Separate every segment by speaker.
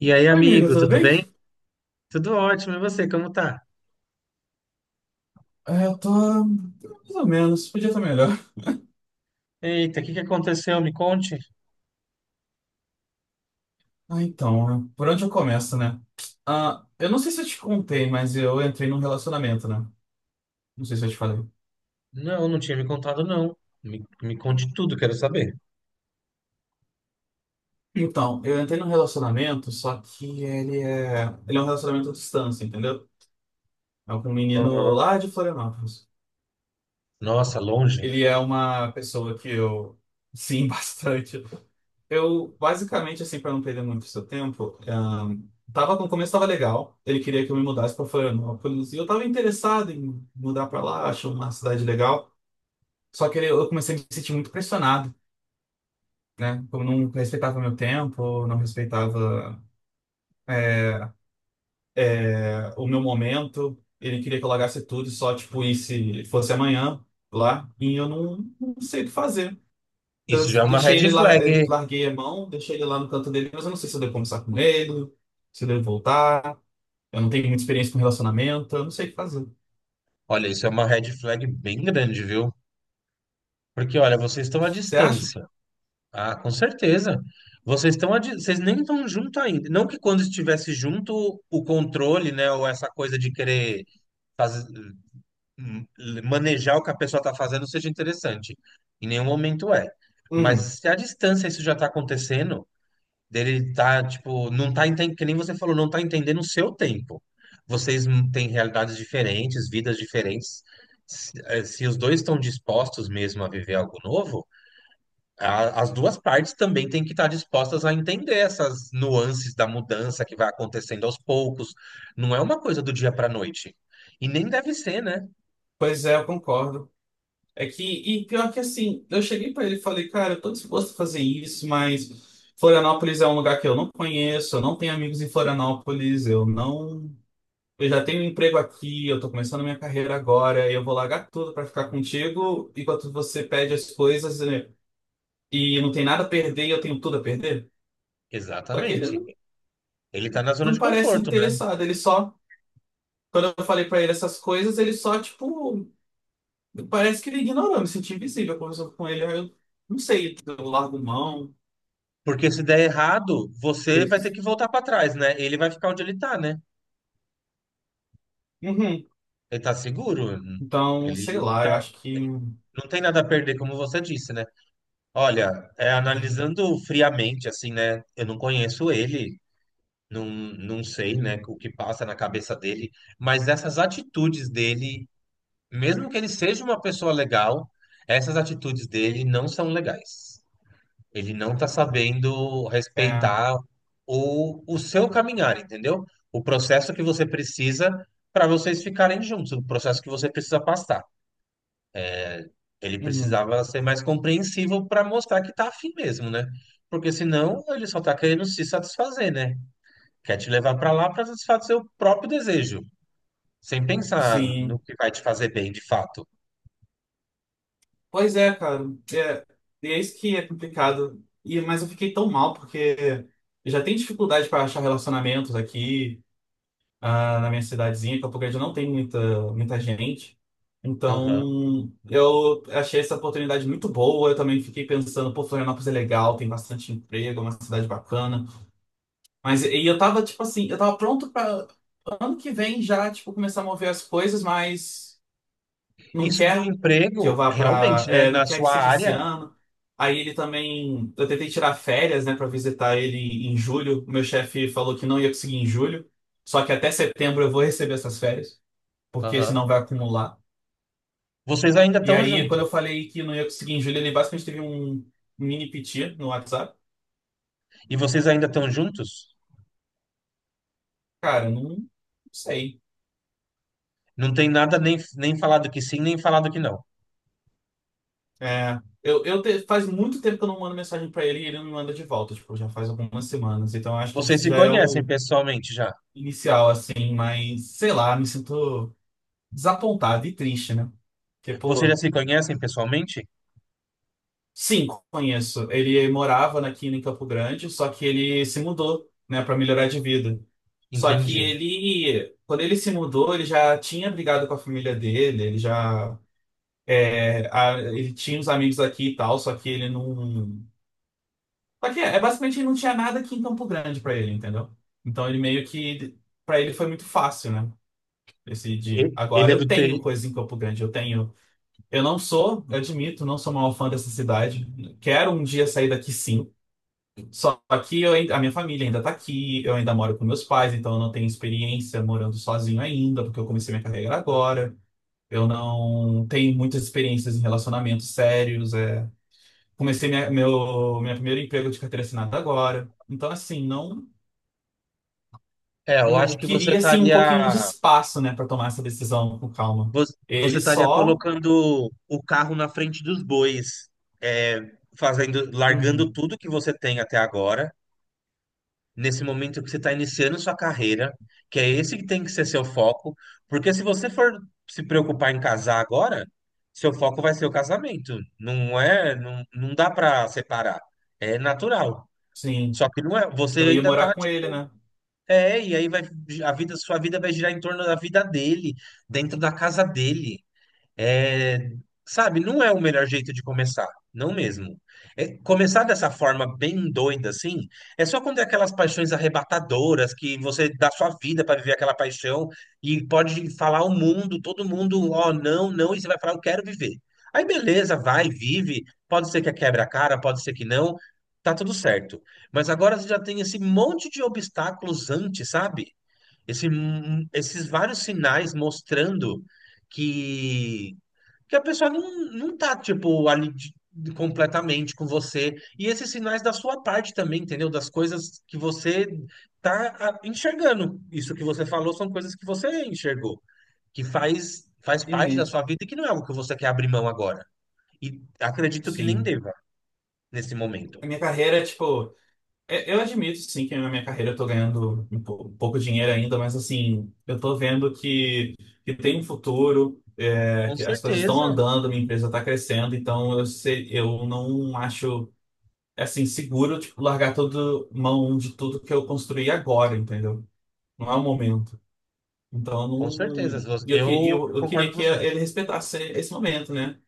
Speaker 1: E aí,
Speaker 2: Oi, amigo,
Speaker 1: amigo,
Speaker 2: tudo
Speaker 1: tudo
Speaker 2: bem?
Speaker 1: bem? Tudo ótimo, e você, como tá?
Speaker 2: É, eu tô mais ou menos, podia estar melhor.
Speaker 1: Eita, o que que aconteceu? Me conte.
Speaker 2: Ah, então, né? Por onde eu começo, né? Ah, eu não sei se eu te contei, mas eu entrei num relacionamento, né? Não sei se eu te falei.
Speaker 1: Não, não tinha me contado, não. Me conte tudo, quero saber.
Speaker 2: Então, eu entrei num relacionamento, só que ele é um relacionamento à distância, entendeu? É com um menino
Speaker 1: Aham.
Speaker 2: lá de Florianópolis.
Speaker 1: Nossa, longe.
Speaker 2: Ele é uma pessoa que eu, sim, bastante. Eu, basicamente, assim, para não perder muito seu tempo, tava, no começo tava legal. Ele queria que eu me mudasse para Florianópolis. E eu tava interessado em mudar para lá, acho uma cidade legal. Só que eu comecei a me sentir muito pressionado, né? Eu não respeitava meu tempo, não respeitava, o meu momento. Ele queria que eu largasse tudo e só, tipo, se fosse amanhã lá. E eu não, não sei o que fazer.
Speaker 1: Isso já é
Speaker 2: Eu
Speaker 1: uma
Speaker 2: deixei
Speaker 1: red
Speaker 2: ele lá,
Speaker 1: flag.
Speaker 2: larguei a mão, deixei ele lá no canto dele, mas eu não sei se eu devo conversar com ele, se eu devo voltar. Eu não tenho muita experiência com relacionamento, eu não sei o que fazer.
Speaker 1: Olha, isso é uma red flag bem grande, viu? Porque, olha, vocês estão à
Speaker 2: Você acha?
Speaker 1: distância. Ah, com certeza. Vocês estão, vocês nem estão junto ainda. Não que quando estivesse junto, o controle, né, ou essa coisa de querer fazer. hum, Manejar o que a pessoa está fazendo seja interessante. Em nenhum momento é. Mas
Speaker 2: Uhum.
Speaker 1: se à distância isso já está acontecendo, dele tá, tipo, não tá entendendo, que nem você falou, não tá entendendo o seu tempo. Vocês têm realidades diferentes, vidas diferentes. Se, se os dois estão dispostos mesmo a viver algo novo, as duas partes também têm que estar dispostas a entender essas nuances da mudança que vai acontecendo aos poucos. Não é uma coisa do dia para a noite. E nem deve ser, né?
Speaker 2: Pois é, eu concordo. É que, e pior que assim, eu cheguei pra ele e falei, cara, eu tô disposto a fazer isso, mas Florianópolis é um lugar que eu não conheço, eu não tenho amigos em Florianópolis, eu não. Eu já tenho um emprego aqui, eu tô começando a minha carreira agora, e eu vou largar tudo pra ficar contigo, enquanto você pede as coisas né, e não tem nada a perder e eu tenho tudo a perder. Só que ele
Speaker 1: Exatamente.
Speaker 2: não,
Speaker 1: Ele tá na zona
Speaker 2: não
Speaker 1: de
Speaker 2: parece
Speaker 1: conforto, né?
Speaker 2: interessado, ele só. Quando eu falei pra ele essas coisas, ele só, tipo, parece que ele ignorou, me senti invisível conversando com ele. Aí eu não sei, eu largo mão.
Speaker 1: Porque se der errado, você vai ter
Speaker 2: fez-
Speaker 1: que voltar pra trás, né? Ele vai ficar onde ele tá, né?
Speaker 2: Uhum.
Speaker 1: Ele tá seguro.
Speaker 2: Então, sei
Speaker 1: Ele
Speaker 2: lá, eu
Speaker 1: tá...
Speaker 2: acho que. Uhum.
Speaker 1: não tem nada a perder, como você disse, né? Olha, é, analisando friamente, assim, né? Eu não conheço ele, não, não sei, né? O que passa na cabeça dele, mas essas atitudes dele, mesmo que ele seja uma pessoa legal, essas atitudes dele não são legais. Ele não está sabendo
Speaker 2: É,
Speaker 1: respeitar o seu caminhar, entendeu? O processo que você precisa para vocês ficarem juntos, o processo que você precisa passar. Ele
Speaker 2: uhum.
Speaker 1: precisava ser mais compreensivo para mostrar que tá afim mesmo, né? Porque senão ele só tá querendo se satisfazer, né? Quer te levar para lá para satisfazer o próprio desejo, sem pensar no
Speaker 2: Sim.
Speaker 1: que vai te fazer bem de fato.
Speaker 2: Pois é, cara. É, e é isso que é complicado. E, mas eu fiquei tão mal, porque eu já tenho dificuldade para achar relacionamentos aqui. Ah, na minha cidadezinha, Campo Grande não tem muita, muita gente.
Speaker 1: Aham.
Speaker 2: Então, eu achei essa oportunidade muito boa. Eu também fiquei pensando, pô, Florianópolis é legal, tem bastante emprego, é uma cidade bacana. Mas e eu tava, tipo assim, eu tava pronto para ano que vem já, tipo, começar a mover as coisas, mas não
Speaker 1: Isso do
Speaker 2: quer que eu
Speaker 1: emprego,
Speaker 2: vá pra.
Speaker 1: realmente, né?
Speaker 2: É, não
Speaker 1: Na
Speaker 2: quer que
Speaker 1: sua
Speaker 2: seja esse
Speaker 1: área,
Speaker 2: ano. Aí ele também. Eu tentei tirar férias, né, pra visitar ele em julho. O meu chefe falou que não ia conseguir em julho. Só que até setembro eu vou receber essas férias porque senão
Speaker 1: aham.
Speaker 2: vai acumular.
Speaker 1: Vocês ainda
Speaker 2: E
Speaker 1: estão
Speaker 2: aí,
Speaker 1: juntos.
Speaker 2: quando eu falei que não ia conseguir em julho, ele basicamente teve um mini piti no WhatsApp.
Speaker 1: E vocês ainda estão juntos?
Speaker 2: Cara, não, não sei.
Speaker 1: Não tem nada nem, nem falado que sim, nem falado que não.
Speaker 2: É, faz muito tempo que eu não mando mensagem pra ele e ele não me manda de volta, tipo, já faz algumas semanas. Então, eu acho que
Speaker 1: Vocês
Speaker 2: isso
Speaker 1: se
Speaker 2: já é
Speaker 1: conhecem
Speaker 2: o
Speaker 1: pessoalmente já?
Speaker 2: inicial, assim, mas sei lá, me sinto desapontado e triste, né? Porque,
Speaker 1: Vocês
Speaker 2: pô,
Speaker 1: já se conhecem pessoalmente?
Speaker 2: sim, conheço. Ele morava aqui em Campo Grande, só que ele se mudou, né, para melhorar de vida. Só que
Speaker 1: Entendi.
Speaker 2: ele, quando ele se mudou, ele já tinha brigado com a família dele, ele já, é, ele tinha uns amigos aqui e tal, só que ele não, só que é, basicamente ele não tinha nada aqui em Campo Grande para ele, entendeu? Então ele meio que, para ele foi muito fácil, né? Decidir. Agora
Speaker 1: Ele é
Speaker 2: eu
Speaker 1: do
Speaker 2: tenho
Speaker 1: TI.
Speaker 2: coisa em Campo Grande, eu tenho. Eu não sou, eu admito, não sou uma fã dessa cidade. Quero um dia sair daqui sim. Só que a minha família ainda tá aqui, eu ainda moro com meus pais, então eu não tenho experiência morando sozinho ainda, porque eu comecei minha carreira agora. Eu não tenho muitas experiências em relacionamentos sérios. É. Comecei meu primeiro emprego de carteira assinada agora. Então, assim, não,
Speaker 1: É, eu
Speaker 2: não
Speaker 1: acho que
Speaker 2: queria assim, um pouquinho de espaço, né, para tomar essa decisão com calma.
Speaker 1: vo- você
Speaker 2: Ele
Speaker 1: estaria
Speaker 2: só.
Speaker 1: colocando o carro na frente dos bois, é, fazendo, largando
Speaker 2: Uhum.
Speaker 1: tudo que você tem até agora, nesse momento que você está iniciando sua carreira, que é esse que tem que ser seu foco, porque se você for se preocupar em casar agora, seu foco vai ser o casamento. Não é, não, não dá para separar. É natural.
Speaker 2: Sim,
Speaker 1: Só que não é, você
Speaker 2: eu ia
Speaker 1: ainda tá
Speaker 2: morar com ele,
Speaker 1: tipo,
Speaker 2: né?
Speaker 1: é, e aí vai a vida, sua vida vai girar em torno da vida dele, dentro da casa dele. É, sabe, não é o melhor jeito de começar, não mesmo. É, começar dessa forma bem doida assim, é só quando é aquelas paixões arrebatadoras que você dá sua vida para viver aquela paixão e pode falar ao mundo, todo mundo, ó, não, não, e você vai falar, eu quero viver. Aí beleza, vai, vive. Pode ser que quebre a cara, pode ser que não, tá tudo certo. Mas agora você já tem esse monte de obstáculos antes, sabe? Esse, esses vários sinais mostrando que porque a pessoa não, não tá, tipo, completamente com você. E esses sinais da sua parte também, entendeu? Das coisas que você tá enxergando. Isso que você falou são coisas que você enxergou, que faz parte da
Speaker 2: Uhum.
Speaker 1: sua vida e que não é algo que você quer abrir mão agora. E acredito que nem
Speaker 2: Sim.
Speaker 1: deva nesse momento.
Speaker 2: A minha carreira, tipo. É, eu admito, sim, que na minha carreira eu tô ganhando um pouco dinheiro ainda, mas assim, eu tô vendo que tem um futuro, é,
Speaker 1: Com
Speaker 2: que as coisas estão
Speaker 1: certeza,
Speaker 2: andando, minha empresa tá crescendo, então eu sei, eu não acho, assim, seguro, tipo, largar todo mão de tudo que eu construí agora, entendeu? Não é o momento. Então,
Speaker 1: com certeza.
Speaker 2: não... e eu, que-
Speaker 1: Eu
Speaker 2: eu, eu
Speaker 1: concordo
Speaker 2: queria
Speaker 1: com
Speaker 2: que
Speaker 1: você.
Speaker 2: ele respeitasse esse momento, né?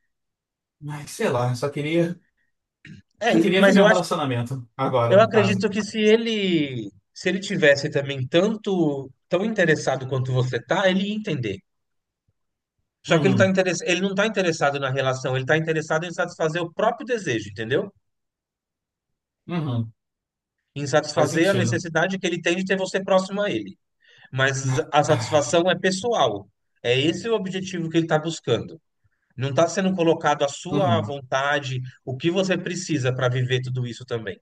Speaker 2: Mas, sei lá,
Speaker 1: É,
Speaker 2: só queria
Speaker 1: mas
Speaker 2: viver
Speaker 1: eu
Speaker 2: um
Speaker 1: acho.
Speaker 2: relacionamento, agora,
Speaker 1: Eu
Speaker 2: no caso.
Speaker 1: acredito que se ele tivesse também tanto tão interessado quanto você tá, ele ia entender. Só que
Speaker 2: Uhum,
Speaker 1: ele não está interessado na relação, ele está interessado em satisfazer o próprio desejo, entendeu?
Speaker 2: uhum,
Speaker 1: Em
Speaker 2: faz
Speaker 1: satisfazer a
Speaker 2: sentido.
Speaker 1: necessidade que ele tem de ter você próximo a ele. Mas a
Speaker 2: Ah,
Speaker 1: satisfação é pessoal. É esse o objetivo que ele está buscando. Não está sendo colocado a sua
Speaker 2: uhum.
Speaker 1: vontade, o que você precisa para viver tudo isso também.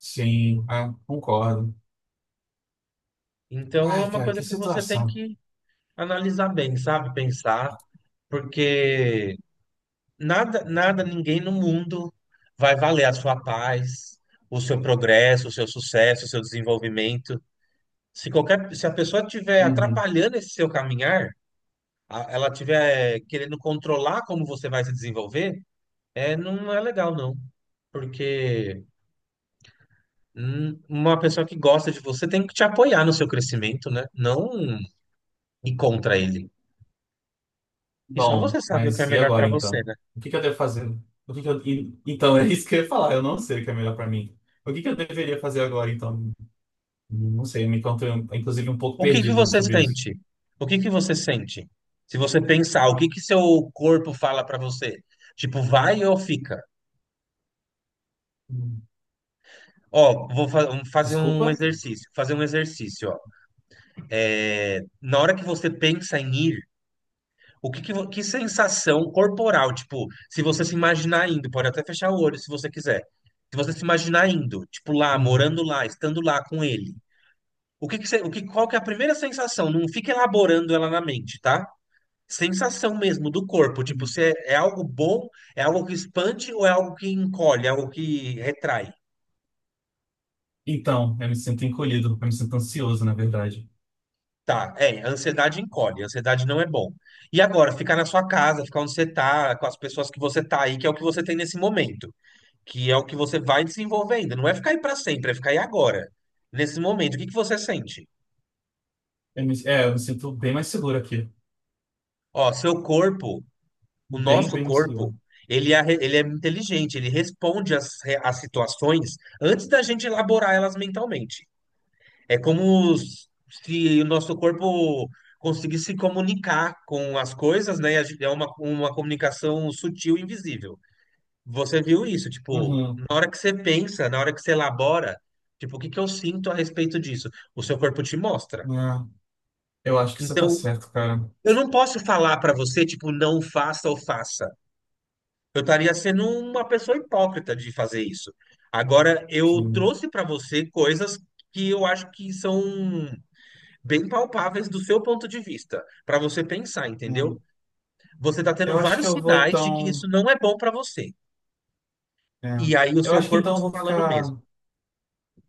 Speaker 2: Sim, ah, concordo.
Speaker 1: Então é
Speaker 2: Ai,
Speaker 1: uma
Speaker 2: cara,
Speaker 1: coisa
Speaker 2: que
Speaker 1: que você tem
Speaker 2: situação.
Speaker 1: que analisar bem, sabe? Pensar. Porque nada, nada, ninguém no mundo vai valer a sua paz, o seu progresso, o seu sucesso, o seu desenvolvimento. Se a pessoa estiver
Speaker 2: Uhum.
Speaker 1: atrapalhando esse seu caminhar, ela estiver querendo controlar como você vai se desenvolver, é, não é legal, não. Porque uma pessoa que gosta de você tem que te apoiar no seu crescimento, né? Não ir contra ele. E só
Speaker 2: Bom,
Speaker 1: você sabe o que é
Speaker 2: mas e
Speaker 1: melhor
Speaker 2: agora
Speaker 1: para você,
Speaker 2: então?
Speaker 1: né?
Speaker 2: O que que eu devo fazer? O que que então, é isso que eu ia falar. Eu não sei o que é melhor pra mim. O que que eu deveria fazer agora então? Não sei, me encontrei, inclusive, um pouco
Speaker 1: O que que
Speaker 2: perdido
Speaker 1: você
Speaker 2: sobre isso.
Speaker 1: sente? O que que você sente? Se você pensar, o que que seu corpo fala para você? Tipo, vai ou fica?
Speaker 2: Uhum.
Speaker 1: Ó, vamos
Speaker 2: Desculpa?
Speaker 1: fazer um exercício, ó. É, na hora que você pensa em ir, o que que, vo- que sensação corporal, tipo, se você se imaginar indo, pode até fechar o olho se você quiser. Se você se imaginar indo, tipo lá,
Speaker 2: Uhum.
Speaker 1: morando lá, estando lá com ele. O que que você, o que, qual que é a primeira sensação? Não fica elaborando ela na mente, tá? Sensação mesmo do corpo, tipo,
Speaker 2: Uhum.
Speaker 1: se é, é algo bom, é algo que expande ou é algo que encolhe, é algo que retrai.
Speaker 2: Então, eu me sinto encolhido. Eu me sinto ansioso, na verdade.
Speaker 1: Tá, é, a ansiedade encolhe, a ansiedade não é bom. E agora, ficar na sua casa, ficar onde você tá, com as pessoas que você tá aí, que é o que você tem nesse momento, que é o que você vai desenvolvendo, não é ficar aí pra sempre, é ficar aí agora, nesse momento. O que que você sente?
Speaker 2: É, eu me sinto bem mais seguro aqui.
Speaker 1: Ó, seu corpo, o
Speaker 2: Bem,
Speaker 1: nosso
Speaker 2: bem mais
Speaker 1: corpo,
Speaker 2: seguro.
Speaker 1: ele é inteligente, ele responde às situações antes da gente elaborar elas mentalmente. É como se o nosso corpo conseguisse se comunicar com as coisas, né? E a gente- É uma comunicação sutil e invisível. Você viu isso, tipo, na
Speaker 2: Uhum.
Speaker 1: hora que você pensa, na hora que você elabora, tipo, o que que eu sinto a respeito disso? O seu corpo te mostra.
Speaker 2: É. Eu acho que você tá
Speaker 1: Então,
Speaker 2: certo, cara.
Speaker 1: eu não posso falar pra você, tipo, não faça ou faça. Eu estaria sendo uma pessoa hipócrita de fazer isso. Agora, eu
Speaker 2: Sim.
Speaker 1: trouxe pra você coisas que eu acho que são bem palpáveis do seu ponto de vista, para você pensar, entendeu?
Speaker 2: É.
Speaker 1: Você está tendo
Speaker 2: Eu acho que
Speaker 1: vários
Speaker 2: eu vou
Speaker 1: sinais de que isso
Speaker 2: então.
Speaker 1: não é bom para você.
Speaker 2: É.
Speaker 1: E aí o
Speaker 2: Eu
Speaker 1: seu
Speaker 2: acho que
Speaker 1: corpo
Speaker 2: então eu
Speaker 1: te
Speaker 2: vou
Speaker 1: falando
Speaker 2: ficar.
Speaker 1: mesmo.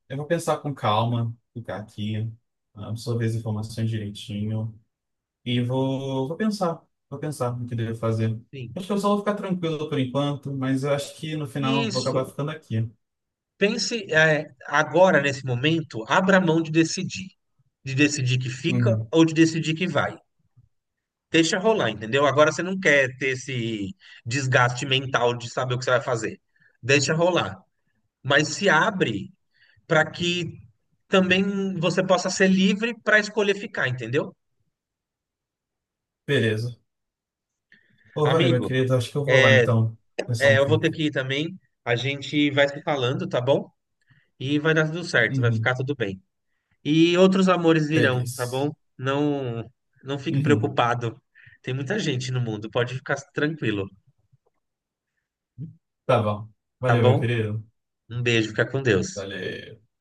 Speaker 2: Eu vou pensar com calma, ficar aqui, ah, absorver as informações direitinho. E vou pensar. Vou pensar no que devo fazer.
Speaker 1: Sim.
Speaker 2: Acho que eu só vou ficar tranquilo por enquanto, mas eu acho que no final eu vou acabar
Speaker 1: Isso.
Speaker 2: ficando aqui.
Speaker 1: Pense, é, agora, nesse momento, abra mão de decidir. De decidir que fica
Speaker 2: Uhum.
Speaker 1: ou de decidir que vai. Deixa rolar, entendeu? Agora você não quer ter esse desgaste mental de saber o que você vai fazer. Deixa rolar. Mas se abre para que também você possa ser livre para escolher ficar, entendeu?
Speaker 2: Beleza. Ô, valeu, meu
Speaker 1: Amigo,
Speaker 2: querido. Acho que eu vou lá então. Pensar
Speaker 1: é,
Speaker 2: um
Speaker 1: eu vou ter
Speaker 2: pouco.
Speaker 1: que ir também. A gente vai se falando, tá bom? E vai dar tudo certo, vai
Speaker 2: Uhum.
Speaker 1: ficar tudo bem. E outros amores virão, tá bom?
Speaker 2: Beleza.
Speaker 1: Não, não fique
Speaker 2: Uhum.
Speaker 1: preocupado. Tem muita gente no mundo, pode ficar tranquilo,
Speaker 2: Tá bom.
Speaker 1: tá
Speaker 2: Valeu, meu
Speaker 1: bom?
Speaker 2: querido.
Speaker 1: Um beijo, fica com Deus.
Speaker 2: Valeu.